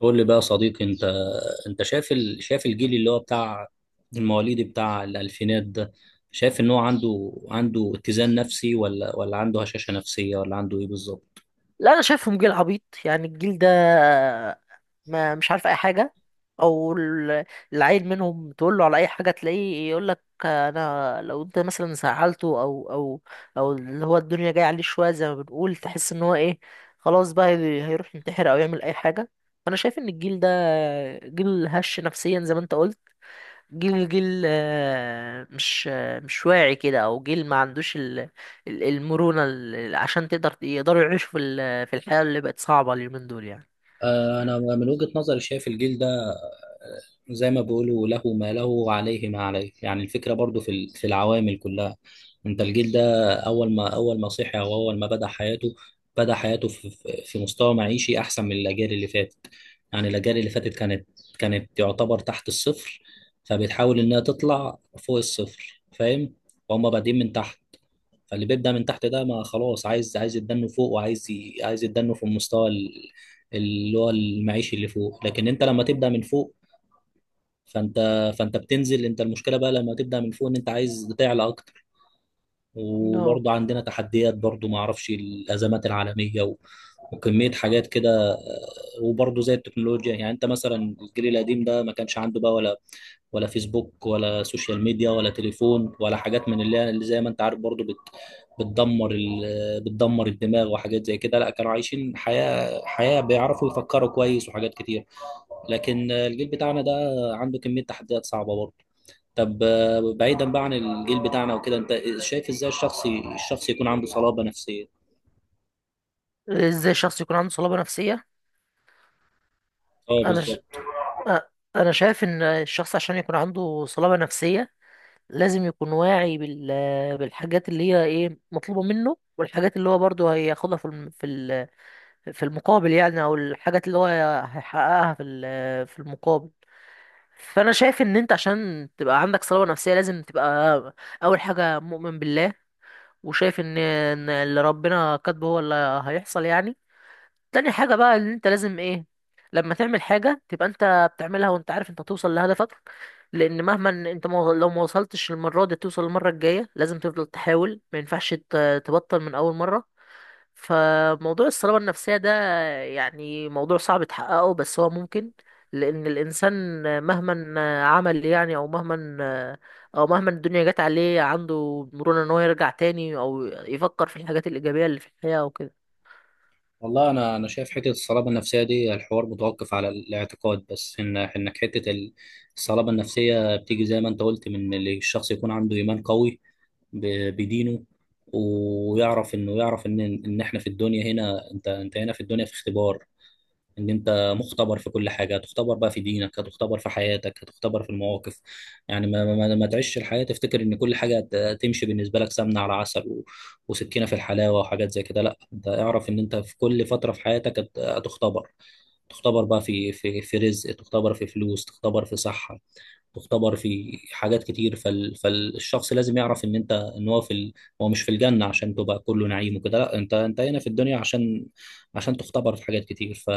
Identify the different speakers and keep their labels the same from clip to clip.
Speaker 1: قول لي بقى يا صديقي انت. شايف الجيل اللي هو بتاع المواليد بتاع الالفينات ده. شايف ان هو عنده اتزان نفسي ولا عنده هشاشة نفسية ولا عنده ايه بالظبط؟
Speaker 2: لا، انا شايفهم جيل عبيط يعني. الجيل ده ما مش عارف اي حاجه، او ال- العيل منهم تقول له على اي حاجه تلاقيه يقول لك انا لو انت مثلا زعلته او اللي هو الدنيا جايه عليه شويه زي ما بنقول، تحس ان هو ايه، خلاص بقى هيروح ينتحر او يعمل اي حاجه. فانا شايف ان الجيل ده جيل هش نفسيا زي ما انت قلت. جيل مش مش واعي كده، او جيل ما عندوش المرونة عشان يقدروا يعيشوا في الحياة اللي بقت صعبة اليومين دول يعني.
Speaker 1: انا من وجهة نظري شايف الجيل ده زي ما بيقولوا له ما له وعليه ما عليه، يعني الفكرة برضو في العوامل كلها. انت الجيل ده اول ما صحي او اول ما بدأ حياته، بدأ حياته في مستوى معيشي احسن من الاجيال اللي فاتت. يعني الاجيال اللي فاتت كانت يعتبر تحت الصفر، فبتحاول انها تطلع فوق الصفر، فاهم؟ وهم بادئين من تحت، فاللي بيبدأ من تحت ده ما خلاص عايز يتدنه فوق، عايز يتدنه في اللي هو المعيشي اللي فوق. لكن انت لما تبدأ من فوق فانت فانت بتنزل. انت المشكله بقى لما تبدا من فوق ان انت عايز تعلى اكتر.
Speaker 2: نو.
Speaker 1: وبرضه عندنا تحديات برضه، ما اعرفش الازمات العالميه وكميه حاجات كده، وبرضه زي التكنولوجيا. يعني انت مثلا الجيل القديم ده ما كانش عنده بقى ولا فيسبوك ولا سوشيال ميديا ولا تليفون ولا حاجات من اللي زي ما انت عارف برضه بتدمر ال... بتدمر الدماغ وحاجات زي كده. لا، كانوا عايشين حياه بيعرفوا يفكروا كويس وحاجات كتير، لكن الجيل بتاعنا ده عنده كميه تحديات صعبه برضه. طب بعيدا بقى عن الجيل بتاعنا وكده، انت شايف ازاي الشخص يكون عنده صلابة نفسية؟
Speaker 2: ازاي الشخص يكون عنده صلابة نفسية؟
Speaker 1: اه
Speaker 2: انا ش...
Speaker 1: بالظبط.
Speaker 2: أ- انا شايف ان الشخص عشان يكون عنده صلابة نفسية لازم يكون واعي بالحاجات اللي هي ايه مطلوبة منه، والحاجات اللي هو برضه هياخدها في المقابل يعني، او الحاجات اللي هو هيحققها في المقابل. فانا شايف ان انت عشان تبقى عندك صلابة نفسية لازم تبقى اول حاجة مؤمن بالله، وشايف ان اللي ربنا كاتبه هو اللي هيحصل يعني. تاني حاجة بقى ان انت لازم ايه، لما تعمل حاجة تبقى انت بتعملها وانت عارف انت هتوصل لهدفك، لان مهما إن انت ما- لو ما وصلتش المرة دي توصل المرة الجاية. لازم تفضل تحاول، ما ينفعش تبطل من اول مرة. فموضوع الصلابة النفسية ده يعني موضوع صعب تحققه بس هو ممكن، لأن الإنسان مهما عمل يعني أو مهما الدنيا جت عليه عنده مرونة إن هو يرجع تاني، أو يفكر في الحاجات الإيجابية اللي في الحياة وكده.
Speaker 1: والله انا شايف حته الصلابه النفسيه دي الحوار متوقف على الاعتقاد بس، ان انك الصلابه النفسيه بتيجي زي ما انت قلت من اللي الشخص يكون عنده ايمان قوي بدينه، ويعرف انه يعرف ان ان احنا في الدنيا هنا، انت انت هنا في الدنيا في اختبار. ان انت مختبر في كل حاجه، هتختبر بقى في دينك، هتختبر في حياتك، هتختبر في المواقف. يعني ما تعيش الحياه تفتكر ان كل حاجه تمشي بالنسبه لك سمنه على عسل وسكينه في الحلاوه وحاجات زي كده. لا، انت اعرف ان انت في كل فتره في حياتك هتختبر. تختبر بقى في رزق، تختبر في فلوس، تختبر في صحه، تختبر في حاجات كتير. فالشخص لازم يعرف ان انت ان هو هو مش في الجنة عشان تبقى كله نعيم وكده. لا، انت انت هنا في الدنيا عشان تختبر في حاجات كتير.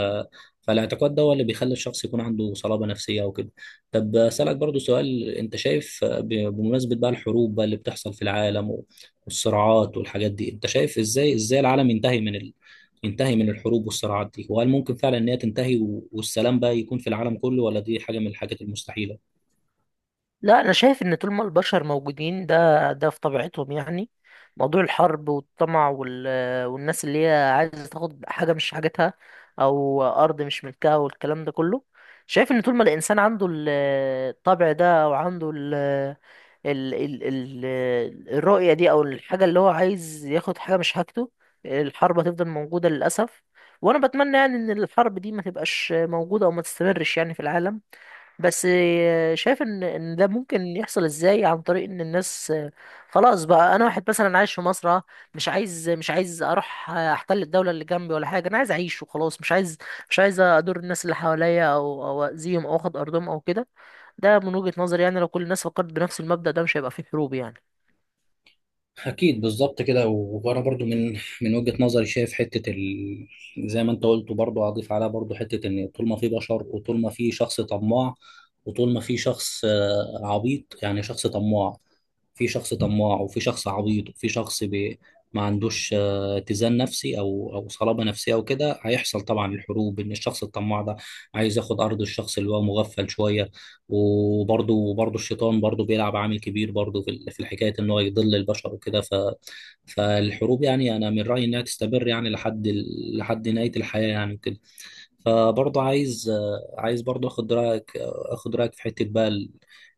Speaker 1: فالاعتقاد ده هو اللي بيخلي الشخص يكون عنده صلابة نفسية وكده. طب أسألك برضو سؤال، انت شايف بمناسبة بقى الحروب بقى اللي بتحصل في العالم والصراعات والحاجات دي، انت شايف ازاي العالم ينتهي ينتهي من الحروب والصراعات دي؟ وهل ممكن فعلا ان هي تنتهي والسلام بقى يكون في العالم كله، ولا دي حاجة من الحاجات المستحيلة؟
Speaker 2: لا، انا شايف ان طول ما البشر موجودين ده في طبيعتهم يعني. موضوع الحرب والطمع والناس اللي هي عايزه تاخد حاجه مش حاجتها، او ارض مش ملكها والكلام ده كله. شايف ان طول ما الانسان عنده الطبع ده او عنده ال... ال... ال... الرؤيه دي، او الحاجه اللي هو عايز ياخد حاجه مش حاجته، الحرب هتفضل موجوده للاسف. وانا بتمنى يعني ان الحرب دي ما تبقاش موجوده او ما تستمرش يعني في العالم، بس شايف ان ده ممكن يحصل ازاي، عن طريق ان الناس خلاص بقى، انا واحد مثلا عايش في مصر مش عايز اروح احتل الدوله اللي جنبي ولا حاجه، انا عايز اعيش وخلاص. مش عايز ادور الناس اللي حواليا او او اذيهم او اخد ارضهم او كده. ده من وجهه نظري يعني، لو كل الناس فكرت بنفس المبدا ده مش هيبقى فيه حروب يعني.
Speaker 1: أكيد بالظبط كده. وأنا برضو من وجهة نظري شايف زي ما أنت قلت برضو، أضيف عليها برضو حتة إن طول ما في بشر وطول ما في شخص طماع، وطول ما في شخص عبيط، يعني شخص طماع. في شخص طماع وفي شخص عبيط وفي ما عندوش اتزان نفسي أو صلابة نفسية أو كده، هيحصل طبعا الحروب. إن الشخص الطماع ده عايز ياخد أرض الشخص اللي هو مغفل شوية. وبرضه الشيطان برضه بيلعب عامل كبير برضه في الحكايه ان هو يضل البشر وكده. ف، فالحروب يعني انا من رايي انها تستمر يعني لحد نهايه الحياه يعني وكده. فبرضه عايز، عايز برضه اخد رايك، اخد رايك في حته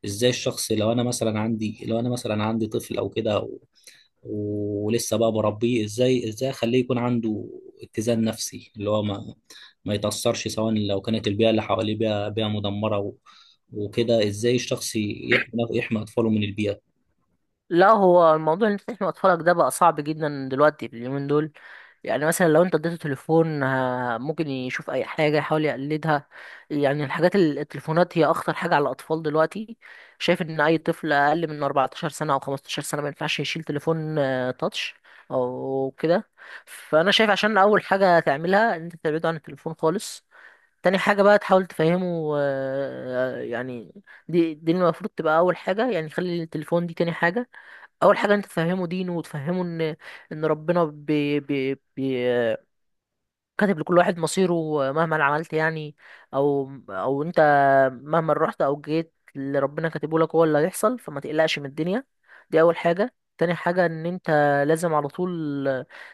Speaker 1: ازاي الشخص، لو انا مثلا عندي، لو انا مثلا عندي طفل او كده ولسه بقى بربيه، ازاي اخليه يكون عنده اتزان نفسي اللي هو ما يتأثرش، سواء لو كانت البيئة اللي حواليه بيئة مدمرة وكده؟ ازاي الشخص يحمي اطفاله من البيئة؟
Speaker 2: لا، هو الموضوع اللي انت تحمي اطفالك ده بقى صعب جدا دلوقتي في اليومين دول. يعني مثلا لو انت اديته تليفون ممكن يشوف اي حاجه يحاول يقلدها. يعني الحاجات التليفونات هي اخطر حاجه على الاطفال دلوقتي. شايف ان اي طفل اقل من 14 سنه او 15 سنه ما ينفعش يشيل تليفون تاتش او كده. فانا شايف عشان اول حاجه تعملها ان انت تبعده عن التليفون خالص. تاني حاجة بقى تحاول تفهمه يعني دي المفروض تبقى أول حاجة يعني، خلي التليفون دي تاني حاجة. أول حاجة أنت تفهمه دينه، وتفهمه إن ان ربنا بي بي بي كاتب لكل واحد مصيره، مهما عملت يعني او او انت مهما رحت او جيت اللي ربنا كاتبه لك هو اللي هيحصل، فما تقلقش من الدنيا. دي اول حاجة. تاني حاجة ان انت لازم على طول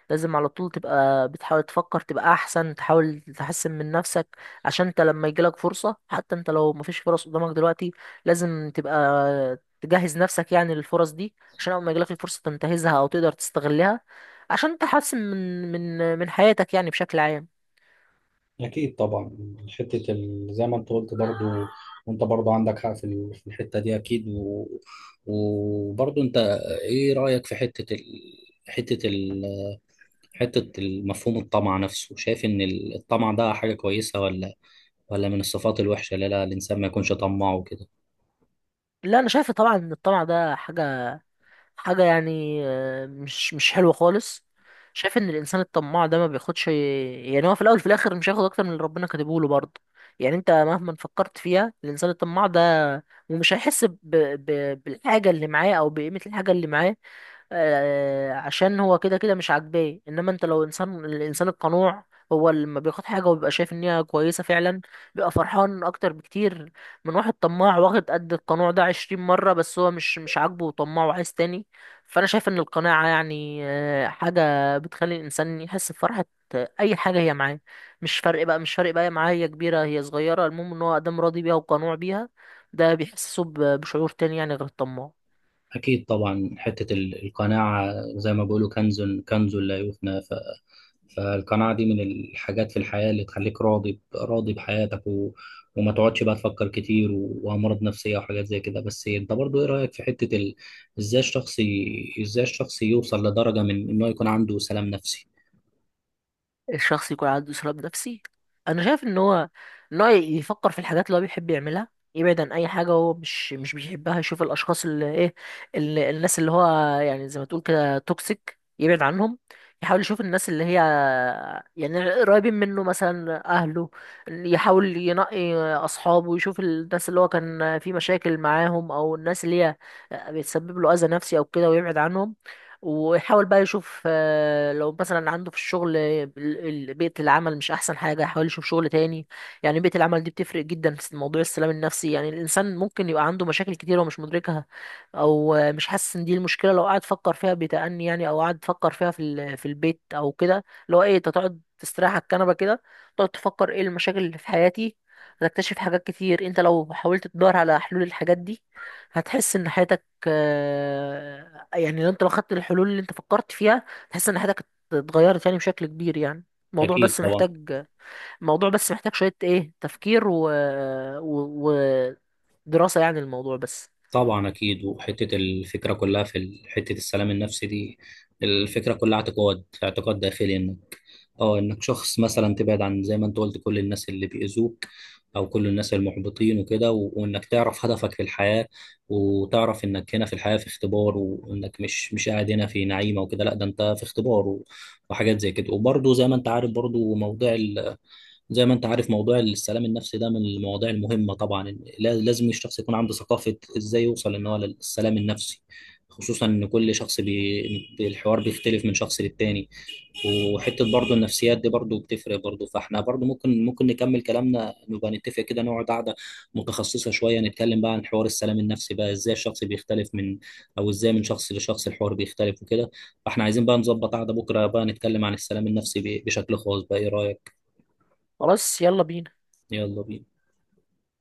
Speaker 2: لازم على طول تبقى بتحاول تفكر تبقى احسن، تحاول تحسن من نفسك، عشان انت لما يجيلك فرصة، حتى انت لو مفيش فرص قدامك دلوقتي لازم تبقى تجهز نفسك يعني للفرص دي، عشان اول ما يجيلك الفرصة تنتهزها او تقدر تستغلها عشان تحسن من حياتك يعني بشكل عام.
Speaker 1: أكيد طبعا، زي ما أنت قلت برضو. وأنت برضو عندك حق في الحتة دي أكيد وبرضه انت ايه رأيك في حتة ال... حتة المفهوم الطمع نفسه؟ شايف ان الطمع ده حاجة كويسة، ولا من الصفات الوحشة اللي لا الإنسان ما يكونش طماع وكده؟
Speaker 2: لا، انا شايف طبعا ان الطمع ده حاجه يعني مش حلوه خالص. شايف ان الانسان الطماع ده ما بياخدش يعني، هو في الاول وفي الاخر مش هياخد اكتر من اللي ربنا كاتبه له برضه. يعني انت مهما فكرت فيها، الانسان الطماع ده ومش بالحاجه اللي معاه او بقيمه الحاجه اللي معاه، عشان هو كده كده مش عاجباه. انما انت لو الانسان القنوع هو اللي لما بياخد حاجه وبيبقى شايف ان هي كويسه فعلا، بيبقى فرحان اكتر بكتير من واحد طماع واخد قد القنوع ده عشرين مره، بس هو مش عاجبه وطماع وعايز تاني. فانا شايف ان القناعه يعني حاجه بتخلي الانسان يحس بفرحه اي حاجه هي معاه. مش فرق بقى هي معاه، هي كبيره هي صغيره، المهم ان هو ادام راضي بيها وقنوع بيها. ده بيحسسه بشعور تاني يعني غير الطماع.
Speaker 1: أكيد طبعا، القناعة زي ما بيقولوا كنز، كنز لا يفنى. فالقناعة دي من الحاجات في الحياة اللي تخليك راضي راضي بحياتك وما تقعدش بقى تفكر كتير وأمراض نفسية وحاجات زي كده. بس أنت برضو إيه رأيك في إزاي الشخص يوصل لدرجة من إنه يكون عنده سلام نفسي؟
Speaker 2: الشخص يكون عنده إسراف نفسي، أنا شايف إن هو يفكر في الحاجات اللي هو بيحب يعملها، يبعد عن أي حاجة هو مش بيحبها. يشوف الأشخاص اللي إيه اللي الناس اللي هو يعني زي ما تقول كده توكسيك يبعد عنهم. يحاول يشوف الناس اللي هي يعني قريبين منه مثلا أهله. يحاول ينقي أصحابه، يشوف الناس اللي هو كان في مشاكل معاهم أو الناس اللي هي بتسبب له أذى نفسي أو كده ويبعد عنهم. ويحاول بقى يشوف لو مثلا عنده في الشغل بيئة العمل مش أحسن حاجة يحاول يشوف شغل تاني، يعني بيئة العمل دي بتفرق جدا في موضوع السلام النفسي. يعني الإنسان ممكن يبقى عنده مشاكل كتيرة ومش مدركها، أو مش حاسس إن دي المشكلة. لو قعد فكر فيها بتأني يعني، أو قعد فكر فيها في البيت أو كده، اللي هو إيه أنت تقعد تستريح على الكنبة كده تقعد تفكر إيه المشاكل اللي في حياتي، هتكتشف حاجات كتير. أنت لو حاولت تدور على حلول الحاجات دي هتحس إن حياتك يعني انت لو خدت الحلول اللي انت فكرت فيها تحس ان حياتك اتغيرت يعني بشكل كبير يعني. الموضوع
Speaker 1: أكيد
Speaker 2: بس
Speaker 1: طبعا.
Speaker 2: محتاج الموضوع بس محتاج شوية ايه تفكير و... ودراسة يعني الموضوع بس.
Speaker 1: طبعا اكيد. وحته الفكره كلها حته السلام النفسي دي، الفكره كلها اعتقاد، اعتقاد داخلي انك، اه انك شخص مثلا تبعد عن، زي ما انت قلت، كل الناس اللي بيأذوك او كل الناس المحبطين وكده. و، وانك تعرف هدفك في الحياه، وتعرف انك هنا في الحياه في اختبار، وانك مش قاعد هنا في نعيمه وكده. لا، ده انت في اختبار و، وحاجات زي كده. وبرضه زي ما انت عارف برضه موضوع، زي ما انت عارف، موضوع السلام النفسي ده من المواضيع المهمة طبعا. لازم الشخص يكون عنده ثقافة ازاي يوصل ان هو للسلام النفسي، خصوصا ان كل الحوار بيختلف من شخص للتاني. وحتة برضو النفسيات دي برضو بتفرق برضو. فاحنا برضو ممكن نكمل كلامنا، نبقى نتفق كده نقعد قعدة متخصصة شوية، نتكلم بقى عن حوار السلام النفسي بقى ازاي الشخص بيختلف من او ازاي من شخص لشخص الحوار بيختلف وكده. فاحنا عايزين بقى نظبط قعدة بكرة بقى نتكلم عن السلام النفسي بشكل خاص بقى، ايه رأيك؟
Speaker 2: خلاص، يلا بينا.
Speaker 1: يلا بينا.